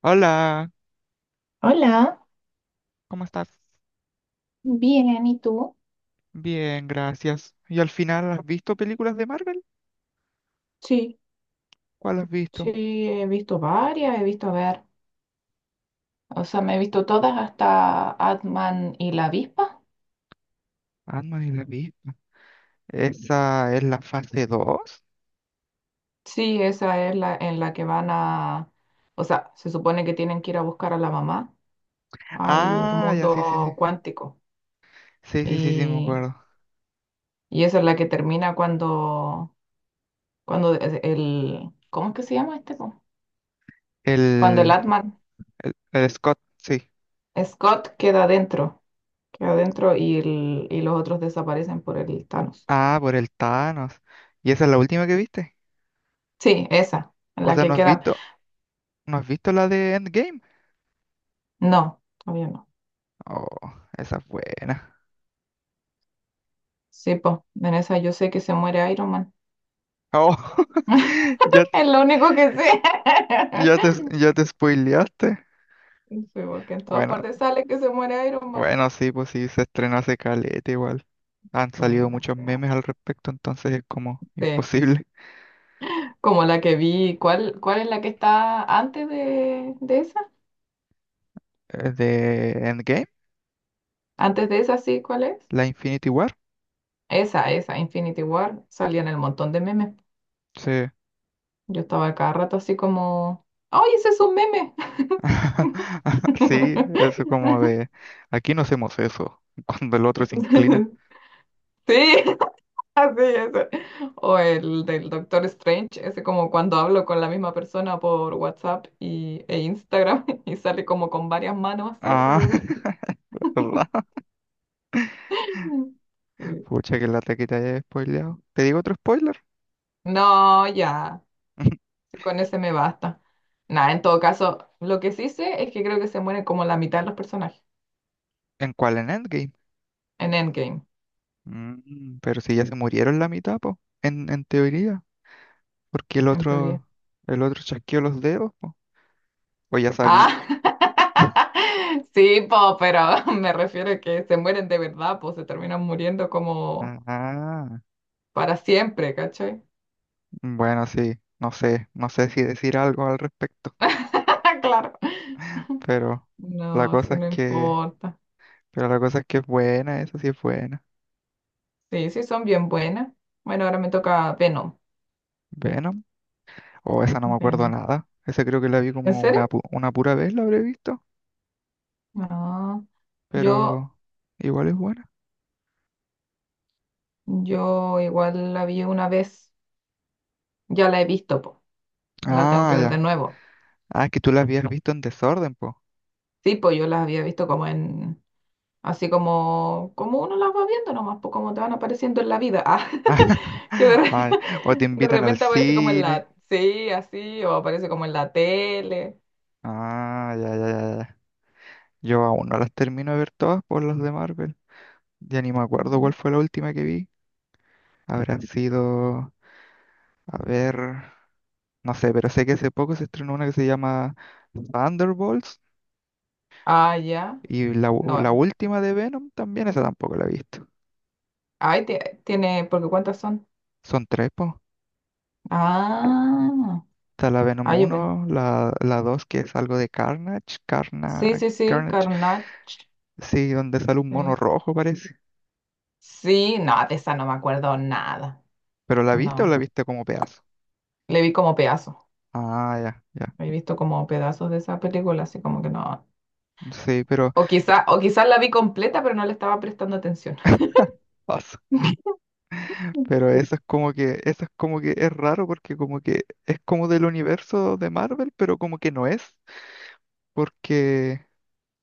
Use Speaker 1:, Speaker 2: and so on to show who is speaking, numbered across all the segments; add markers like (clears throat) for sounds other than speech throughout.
Speaker 1: Hola,
Speaker 2: Hola.
Speaker 1: ¿cómo estás?
Speaker 2: Bien, ¿y tú?
Speaker 1: Bien, gracias. ¿Y al final has visto películas de Marvel?
Speaker 2: Sí,
Speaker 1: ¿Cuál has
Speaker 2: sí,
Speaker 1: visto?
Speaker 2: he visto varias, he visto, a ver, o sea, me he visto todas hasta Atman y la avispa.
Speaker 1: Ant-Man y la Avispa. ¿Esa es la fase dos?
Speaker 2: Sí, esa es la en la que van a, o sea, se supone que tienen que ir a buscar a la mamá al
Speaker 1: Ah, ya, sí, sí,
Speaker 2: mundo
Speaker 1: sí.
Speaker 2: cuántico.
Speaker 1: Sí, sí, sí, sí, me
Speaker 2: Y,
Speaker 1: acuerdo.
Speaker 2: y esa es la que termina cuando, cuando es el, ¿cómo es que se llama este? ¿Po? Cuando el
Speaker 1: El,
Speaker 2: Atman
Speaker 1: el Scott, sí.
Speaker 2: Scott queda adentro y, y los otros desaparecen por el Thanos.
Speaker 1: Ah, por el Thanos. ¿Y esa es la última que viste?
Speaker 2: Sí, esa,
Speaker 1: O
Speaker 2: la
Speaker 1: sea,
Speaker 2: que
Speaker 1: ¿no has
Speaker 2: queda.
Speaker 1: visto, no has visto la de Endgame?
Speaker 2: No, todavía no.
Speaker 1: Oh, esa es buena.
Speaker 2: Sí, pues, en esa yo sé que se muere Iron Man.
Speaker 1: Oh, (laughs)
Speaker 2: (laughs)
Speaker 1: ya, te-
Speaker 2: Es lo único que sé.
Speaker 1: ya te,
Speaker 2: (laughs)
Speaker 1: ya te spoileaste.
Speaker 2: Sí, porque en todas
Speaker 1: Bueno,
Speaker 2: partes sale que se muere Iron Man.
Speaker 1: Bueno, sí, pues sí, se estrenó hace caleta igual. Han salido
Speaker 2: O
Speaker 1: muchos
Speaker 2: sea,
Speaker 1: memes al respecto, entonces es como
Speaker 2: sí,
Speaker 1: imposible. (laughs)
Speaker 2: como la que vi. ¿Cuál, cuál es la que está antes de esa?
Speaker 1: De Endgame,
Speaker 2: Antes de esa, sí, ¿cuál es?
Speaker 1: la Infinity War.
Speaker 2: Esa, Infinity War. Salían el montón de memes.
Speaker 1: Sí.
Speaker 2: Yo estaba cada rato así como, ¡ay, ese es un meme!
Speaker 1: (laughs) Sí,
Speaker 2: (laughs)
Speaker 1: eso como de aquí no hacemos eso, (laughs) cuando el otro se inclina.
Speaker 2: Sí, así, ese. O el del Doctor Strange, ese como cuando hablo con la misma persona por WhatsApp y, e Instagram (laughs) y sale como con varias manos así
Speaker 1: Ah,
Speaker 2: alrededor.
Speaker 1: (laughs) ¿verdad?
Speaker 2: Sí.
Speaker 1: Pucha, que lata que te haya spoileado. ¿Te digo otro spoiler?
Speaker 2: No, ya,
Speaker 1: (laughs)
Speaker 2: sí, con ese me basta. Nada, en todo caso, lo que sí sé es que creo que se mueren como la mitad de los personajes
Speaker 1: ¿En cuál? En Endgame.
Speaker 2: en Endgame,
Speaker 1: Mm, pero si ya se murieron la mitad, po. En teoría. Porque el
Speaker 2: en teoría.
Speaker 1: otro, el otro chasqueó los dedos, po. O ya sabí.
Speaker 2: Ah, (laughs) sí, po, pero (laughs) me refiero a que se mueren de verdad, pues se terminan muriendo como
Speaker 1: Ah,
Speaker 2: para siempre, ¿cachai?
Speaker 1: bueno, sí, no sé, no sé si decir algo al respecto,
Speaker 2: (laughs) Claro.
Speaker 1: pero la
Speaker 2: No,
Speaker 1: cosa
Speaker 2: sí,
Speaker 1: es
Speaker 2: no
Speaker 1: que,
Speaker 2: importa.
Speaker 1: pero la cosa es que es buena, esa sí es buena.
Speaker 2: Sí, sí, son bien buenas. Bueno, ahora me toca Venom.
Speaker 1: Venom, o esa no me acuerdo
Speaker 2: Venom.
Speaker 1: nada, esa creo que la vi
Speaker 2: ¿En
Speaker 1: como
Speaker 2: serio?
Speaker 1: una pura vez la habré visto,
Speaker 2: No. Yo,
Speaker 1: pero igual es buena.
Speaker 2: yo igual la vi una vez. Ya la he visto, po. La tengo que
Speaker 1: Ah,
Speaker 2: ver de
Speaker 1: ya,
Speaker 2: nuevo.
Speaker 1: ah, es que tú la habías visto en desorden, po.
Speaker 2: Sí, pues yo las había visto como en. Así como, como uno las va viendo nomás, pues como te van apareciendo en la vida. Ah,
Speaker 1: (laughs)
Speaker 2: (laughs) que de, re-
Speaker 1: Ay, o te
Speaker 2: (laughs) de
Speaker 1: invitan al
Speaker 2: repente aparece como en
Speaker 1: cine.
Speaker 2: la. Sí, así, o aparece como en la tele.
Speaker 1: Ah, ya, ya, ya, ya. Yo aún no las termino de ver todas por las de Marvel. Ya ni me acuerdo cuál
Speaker 2: Ujú.
Speaker 1: fue la última que vi. Habrán sido, a ver, no sé, pero sé que hace poco se estrenó una que se llama Thunderbolts
Speaker 2: Ah, ya.
Speaker 1: y
Speaker 2: No.
Speaker 1: la última de Venom también, esa tampoco la he visto.
Speaker 2: Ay, tiene, porque ¿cuántas son?
Speaker 1: Son tres, po.
Speaker 2: Ah,
Speaker 1: Está la
Speaker 2: ah, yo pen-
Speaker 1: la 2 que es algo de
Speaker 2: sí, sí, sí,
Speaker 1: Carnage,
Speaker 2: Carnage.
Speaker 1: sí, donde sale un mono
Speaker 2: Sí,
Speaker 1: rojo parece.
Speaker 2: sí, no, de esa no me acuerdo nada.
Speaker 1: ¿Pero la viste o la
Speaker 2: No,
Speaker 1: viste como pedazo?
Speaker 2: le vi como pedazos.
Speaker 1: Ah, ya, ya.
Speaker 2: He visto como pedazos de esa película, así como que no.
Speaker 1: Sí, pero
Speaker 2: O quizá, o quizás la vi completa, pero no le estaba prestando atención. (laughs)
Speaker 1: (laughs) pasa. Pero
Speaker 2: Sí.
Speaker 1: eso es como que es raro porque como que es como del universo de Marvel, pero como que no es. Porque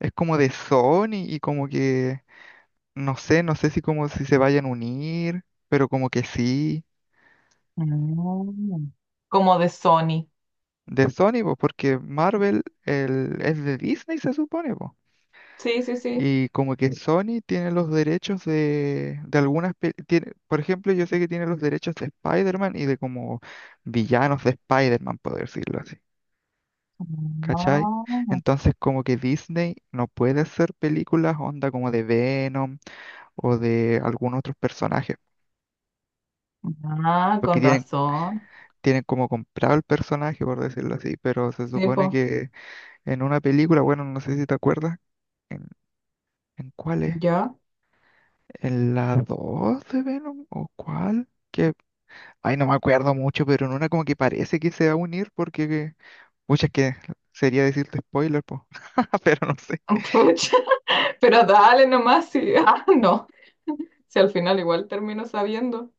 Speaker 1: es como de Sony y como que, no sé, no sé si como si se vayan a unir, pero como que sí,
Speaker 2: Mm. Como de Sony.
Speaker 1: de Sony, pues, porque es de Disney, se supone, pues.
Speaker 2: Sí, sí, sí.
Speaker 1: Y como que Sony tiene los derechos de algunas, tiene, por ejemplo, yo sé que tiene los derechos de Spider-Man y de como villanos de Spider-Man, por decirlo así, ¿cachai?
Speaker 2: Ah.
Speaker 1: Entonces como que Disney no puede hacer películas onda como de Venom o de algún otro personaje.
Speaker 2: Ah,
Speaker 1: porque
Speaker 2: con
Speaker 1: tienen,
Speaker 2: razón.
Speaker 1: tienen como comprado el personaje, por decirlo así, pero se
Speaker 2: Sí,
Speaker 1: supone
Speaker 2: pues,
Speaker 1: que en una película, bueno, no sé si te acuerdas, ¿en, ¿en cuál es?
Speaker 2: ya.
Speaker 1: ¿En la 2 de Venom o cuál? Ay, no me acuerdo mucho, pero en una como que parece que se va a unir porque, muchas que sería decirte spoiler, pues, (laughs) pero no sé.
Speaker 2: (laughs) Pero dale nomás, sí. (laughs) Ah, no. Si al final igual termino sabiendo.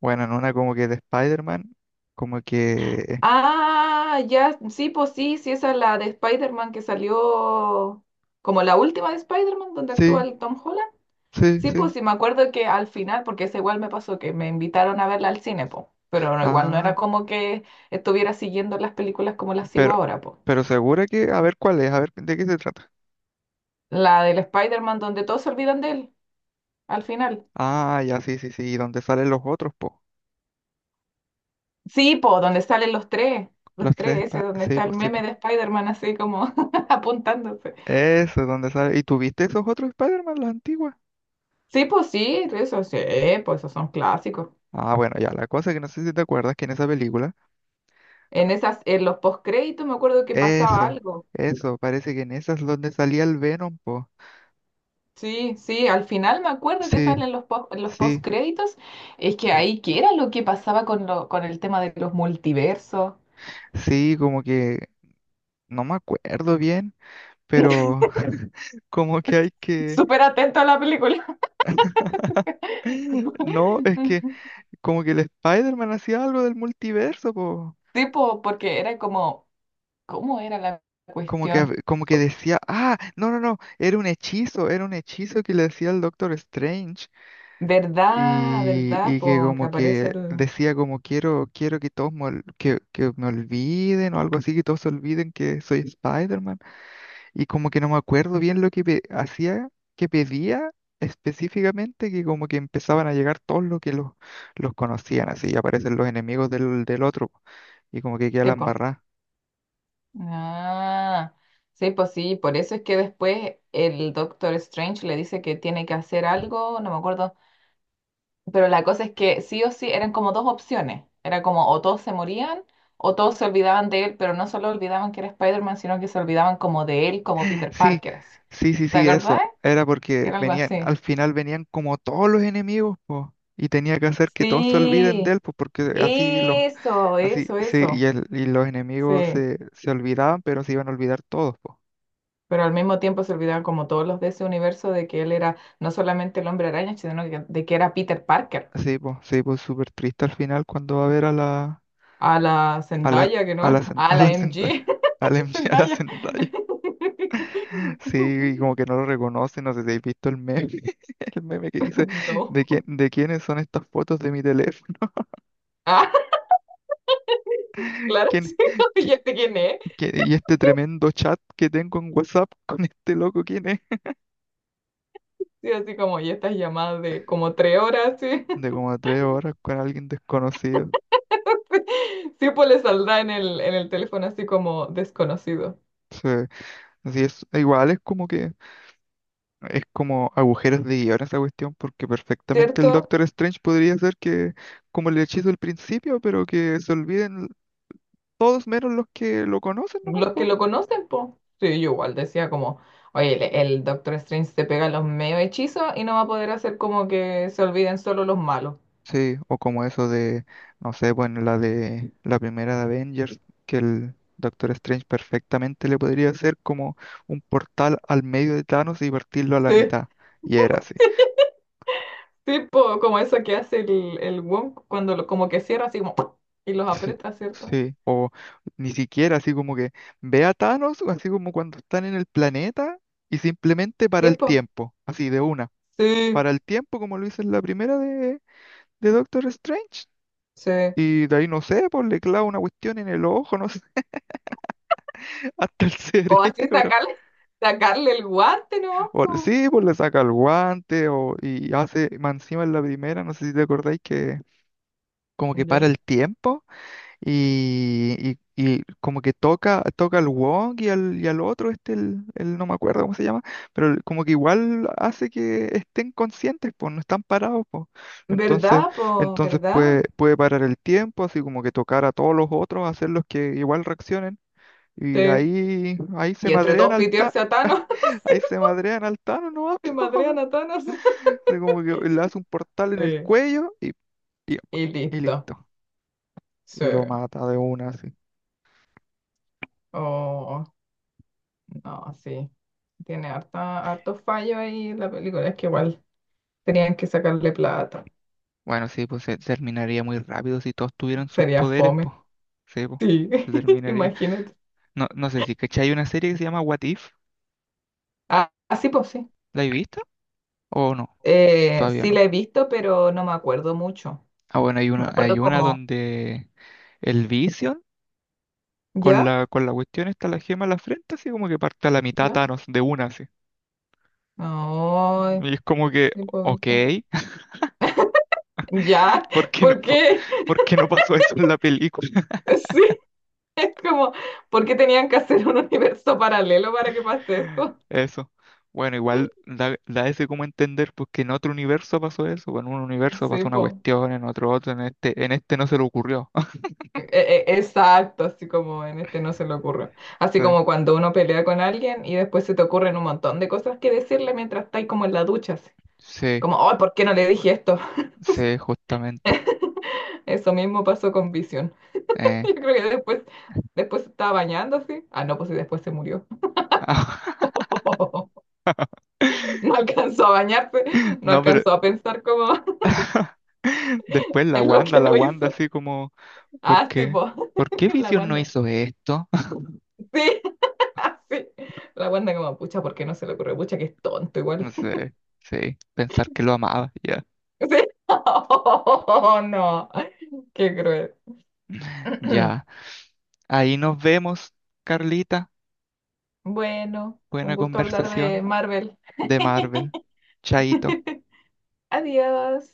Speaker 1: Bueno, en una como que de Spider-Man, como que,
Speaker 2: Ah, ya, sí, pues sí, sí, esa es la de Spider-Man que salió como la última de Spider-Man donde actúa
Speaker 1: sí,
Speaker 2: el Tom Holland.
Speaker 1: sí,
Speaker 2: Sí, pues
Speaker 1: sí,
Speaker 2: sí, me acuerdo que al final, porque esa igual me pasó que me invitaron a verla al cine, po. Pero no, igual no era
Speaker 1: ah,
Speaker 2: como que estuviera siguiendo las películas como las sigo
Speaker 1: pero,
Speaker 2: ahora, po.
Speaker 1: pero segura que, a ver cuál es, a ver de qué se trata.
Speaker 2: La del Spider-Man donde todos se olvidan de él, al final.
Speaker 1: Ah, ya, sí, sí, sí. ¿Y dónde salen los otros, po?
Speaker 2: Sí, po, donde salen los tres, ese donde
Speaker 1: Sí,
Speaker 2: está el
Speaker 1: pues, sí,
Speaker 2: meme
Speaker 1: po.
Speaker 2: de Spider-Man así como (laughs) apuntándose.
Speaker 1: Eso es donde sale. ¿Y tuviste esos otros Spider-Man, las antiguas?
Speaker 2: Sí, pues sí, eso sí, pues esos son clásicos.
Speaker 1: Ah, bueno, ya, la cosa que no sé si te acuerdas que en esa película,
Speaker 2: En esas, en los postcréditos me acuerdo que pasaba
Speaker 1: eso,
Speaker 2: algo.
Speaker 1: eso, parece que en esas es donde salía el Venom, po.
Speaker 2: Sí, sí, al final me acuerdo que
Speaker 1: Sí,
Speaker 2: salen los post, los
Speaker 1: sí,
Speaker 2: postcréditos. Es que ahí que era lo que pasaba con lo, con el tema de los multiversos.
Speaker 1: sí, como que no me acuerdo bien, pero (laughs) como que hay
Speaker 2: (laughs)
Speaker 1: que...
Speaker 2: Súper atento a la película.
Speaker 1: (laughs) No, es que
Speaker 2: (laughs)
Speaker 1: como que el Spider-Man hacía algo del multiverso, po.
Speaker 2: Sí, po, porque era como, ¿cómo era la
Speaker 1: Como que,
Speaker 2: cuestión?
Speaker 1: como que decía, ah, no, no, no, era un hechizo que le decía el Doctor Strange
Speaker 2: ¿Verdad? ¿Verdad?
Speaker 1: y que
Speaker 2: Po, que
Speaker 1: como
Speaker 2: aparece
Speaker 1: que
Speaker 2: el...
Speaker 1: decía como quiero que todos me, que me olviden o algo así, que todos se olviden que soy Spider-Man y como que no me acuerdo bien lo que hacía, que pedía específicamente, que como que empezaban a llegar todos los que los conocían, así y aparecen los enemigos del otro y como que queda
Speaker 2: Sí,
Speaker 1: la
Speaker 2: po.
Speaker 1: embarrada.
Speaker 2: Ah, sí, pues sí, por eso es que después el Doctor Strange le dice que tiene que hacer algo, no me acuerdo, pero la cosa es que sí o sí eran como dos opciones, era como o todos se morían o todos se olvidaban de él, pero no solo olvidaban que era Spider-Man, sino que se olvidaban como de él, como Peter
Speaker 1: Sí,
Speaker 2: Parker, así.
Speaker 1: sí, sí,
Speaker 2: ¿Te
Speaker 1: sí, eso.
Speaker 2: acordás?
Speaker 1: Era porque
Speaker 2: Era algo
Speaker 1: venían,
Speaker 2: así.
Speaker 1: al final venían como todos los enemigos, po, y tenía que hacer que todos se olviden de
Speaker 2: Sí,
Speaker 1: él, pues, porque así los,
Speaker 2: eso,
Speaker 1: así,
Speaker 2: eso,
Speaker 1: sí, y,
Speaker 2: eso.
Speaker 1: el, y los enemigos
Speaker 2: Sí,
Speaker 1: se, se olvidaban, pero se iban a olvidar todos, pues.
Speaker 2: pero al mismo tiempo se olvidaban como todos los de ese universo de que él era no solamente el hombre araña, de que era Peter Parker,
Speaker 1: Sí, pues, sí, pues, súper triste al final cuando va a ver
Speaker 2: a la
Speaker 1: a la,
Speaker 2: Zendaya, que no, (laughs)
Speaker 1: (laughs)
Speaker 2: a
Speaker 1: A
Speaker 2: la
Speaker 1: la
Speaker 2: MG,
Speaker 1: Zendaya,
Speaker 2: (laughs)
Speaker 1: MJ, a la
Speaker 2: Zendaya.
Speaker 1: Zendaya. Sí,
Speaker 2: (laughs)
Speaker 1: y como que no lo reconoce, no sé si habéis visto el meme, (laughs) el meme que dice,
Speaker 2: No.
Speaker 1: ¿de quiénes son estas fotos de mi teléfono?
Speaker 2: Ah,
Speaker 1: (laughs)
Speaker 2: claro,
Speaker 1: ¿Quién?
Speaker 2: sí, (laughs) ¿y este quién es?
Speaker 1: Y este tremendo chat que tengo en WhatsApp (laughs) con este loco, ¿quién es?
Speaker 2: Sí, así como, y estas llamadas de como 3 horas, sí.
Speaker 1: De como tres horas con alguien desconocido.
Speaker 2: (laughs) Sí, pues le saldrá en el teléfono así como desconocido,
Speaker 1: Sí, así es, igual es como que es como agujeros de guión esa cuestión, porque perfectamente el
Speaker 2: ¿cierto?
Speaker 1: Doctor Strange podría ser que como el hechizo del principio, pero que se olviden todos menos los que lo conocen nomás.
Speaker 2: Los que lo conocen, po. Sí, yo igual decía como, oye, el Doctor Strange se pega los medio hechizos y no va a poder hacer como que se olviden solo los malos.
Speaker 1: Sí, o como eso de, no sé, bueno, la de la primera de Avengers, que el Doctor Strange perfectamente le podría hacer como un portal al medio de Thanos y partirlo a la
Speaker 2: Sí,
Speaker 1: mitad. Y era así.
Speaker 2: tipo como eso que hace el Wong cuando lo, como que cierra así como ¡pum! Y los
Speaker 1: Sí,
Speaker 2: aprieta, ¿cierto?
Speaker 1: sí, o ni siquiera así como que ve a Thanos, así como cuando están en el planeta y simplemente para el
Speaker 2: Tipo,
Speaker 1: tiempo, así de una.
Speaker 2: sí,
Speaker 1: Para el tiempo, como lo hizo en la primera de Doctor Strange.
Speaker 2: sí.
Speaker 1: Y de ahí no sé, pues le clava una cuestión en el ojo, no sé, (laughs) hasta el
Speaker 2: O así
Speaker 1: cerebro.
Speaker 2: sacarle, sacarle el guante no
Speaker 1: O-
Speaker 2: po.
Speaker 1: sí, pues le saca el guante o, y hace, más encima en la primera, no sé si te acordáis que como que para
Speaker 2: Ya.
Speaker 1: el tiempo y, y como que toca al Wong y y al otro, este, no me acuerdo cómo se llama, pero como que igual hace que estén conscientes, pues no están parados, pues. Entonces,
Speaker 2: ¿Verdad, po?
Speaker 1: entonces puede,
Speaker 2: ¿Verdad?
Speaker 1: puede parar el tiempo, así como que tocar a todos los otros, hacerlos que igual reaccionen.
Speaker 2: Sí.
Speaker 1: Y ahí se
Speaker 2: Y entre
Speaker 1: madrean
Speaker 2: todos
Speaker 1: al ta,
Speaker 2: pitearse a Thanos,
Speaker 1: (laughs) ahí se
Speaker 2: (laughs)
Speaker 1: madrean al Thanos, ¿no?
Speaker 2: se madrean a
Speaker 1: (laughs)
Speaker 2: Thanos. (laughs)
Speaker 1: Así como que le hace un portal en el
Speaker 2: Sí.
Speaker 1: cuello
Speaker 2: Y
Speaker 1: y
Speaker 2: listo.
Speaker 1: listo.
Speaker 2: Sí.
Speaker 1: Y lo mata de una, así.
Speaker 2: Oh, no, sí. Tiene harta, harto fallo ahí la película. Es que igual tenían que sacarle plata.
Speaker 1: Bueno, sí, pues se terminaría muy rápido si todos tuvieran sus
Speaker 2: Sería
Speaker 1: poderes,
Speaker 2: fome.
Speaker 1: pues. Sí, pues.
Speaker 2: Sí,
Speaker 1: Se
Speaker 2: (laughs)
Speaker 1: terminaría.
Speaker 2: imagínate.
Speaker 1: No, no sé si, ¿cachai? Hay una serie que se llama What If.
Speaker 2: Ah, ah, sí, pues sí.
Speaker 1: ¿La he visto? ¿O no? Todavía
Speaker 2: Sí la
Speaker 1: no.
Speaker 2: he visto, pero no me acuerdo mucho.
Speaker 1: Ah, bueno,
Speaker 2: Me
Speaker 1: hay
Speaker 2: acuerdo
Speaker 1: una
Speaker 2: como,
Speaker 1: donde el Vision
Speaker 2: ¿ya?
Speaker 1: con la cuestión está la gema en la frente, así como que parte a la mitad
Speaker 2: ¿Ya?
Speaker 1: Thanos de una, así.
Speaker 2: No,
Speaker 1: Y es como que,
Speaker 2: sí, pues
Speaker 1: ok,
Speaker 2: ¿viste?
Speaker 1: (laughs)
Speaker 2: ¿Ya?
Speaker 1: ¿por
Speaker 2: (laughs)
Speaker 1: qué no,
Speaker 2: ¿Por
Speaker 1: por,
Speaker 2: qué? (laughs)
Speaker 1: ¿por qué no pasó eso en la película?
Speaker 2: Sí, es como, ¿por qué tenían que hacer un universo paralelo para que pase esto?
Speaker 1: Eso. Bueno, igual da, da ese como entender, porque en otro universo pasó eso, pues, en un universo
Speaker 2: Sí,
Speaker 1: pasó una
Speaker 2: pues.
Speaker 1: cuestión, en otro otro, en este no se le ocurrió. (laughs)
Speaker 2: Exacto, así como en este no se le ocurre. Así
Speaker 1: Sí,
Speaker 2: como cuando uno pelea con alguien y después se te ocurren un montón de cosas que decirle mientras estáis como en la ducha, así.
Speaker 1: sí,
Speaker 2: Como, oh, ¿por qué no le dije esto?
Speaker 1: sí, justamente.
Speaker 2: (laughs) Eso mismo pasó con Vision. (laughs)
Speaker 1: Eh.
Speaker 2: Yo creo que después, después se estaba bañando así. Ah, no, pues y después se murió.
Speaker 1: (laughs)
Speaker 2: (laughs) No alcanzó a bañarse, no
Speaker 1: No, pero
Speaker 2: alcanzó a pensar como (laughs)
Speaker 1: (laughs) después
Speaker 2: en lo que
Speaker 1: La
Speaker 2: no
Speaker 1: Wanda
Speaker 2: hizo.
Speaker 1: así como, ¿por
Speaker 2: Ah, sí,
Speaker 1: qué?
Speaker 2: pues,
Speaker 1: ¿Por qué
Speaker 2: (laughs) la
Speaker 1: Vision no
Speaker 2: Wanda.
Speaker 1: hizo esto? (laughs)
Speaker 2: Sí, (laughs) sí. La Wanda como, pucha, ¿por qué no se le ocurre? Pucha, que es tonto
Speaker 1: No
Speaker 2: igual.
Speaker 1: sé, sí, pensar que lo amaba, ya,
Speaker 2: Sí. (laughs) Oh, no, qué cruel. (clears throat)
Speaker 1: ya. Ahí nos vemos, Carlita.
Speaker 2: Bueno, un
Speaker 1: Buena
Speaker 2: gusto hablar de
Speaker 1: conversación
Speaker 2: Marvel.
Speaker 1: de Marvel. Chaito.
Speaker 2: (laughs) Adiós.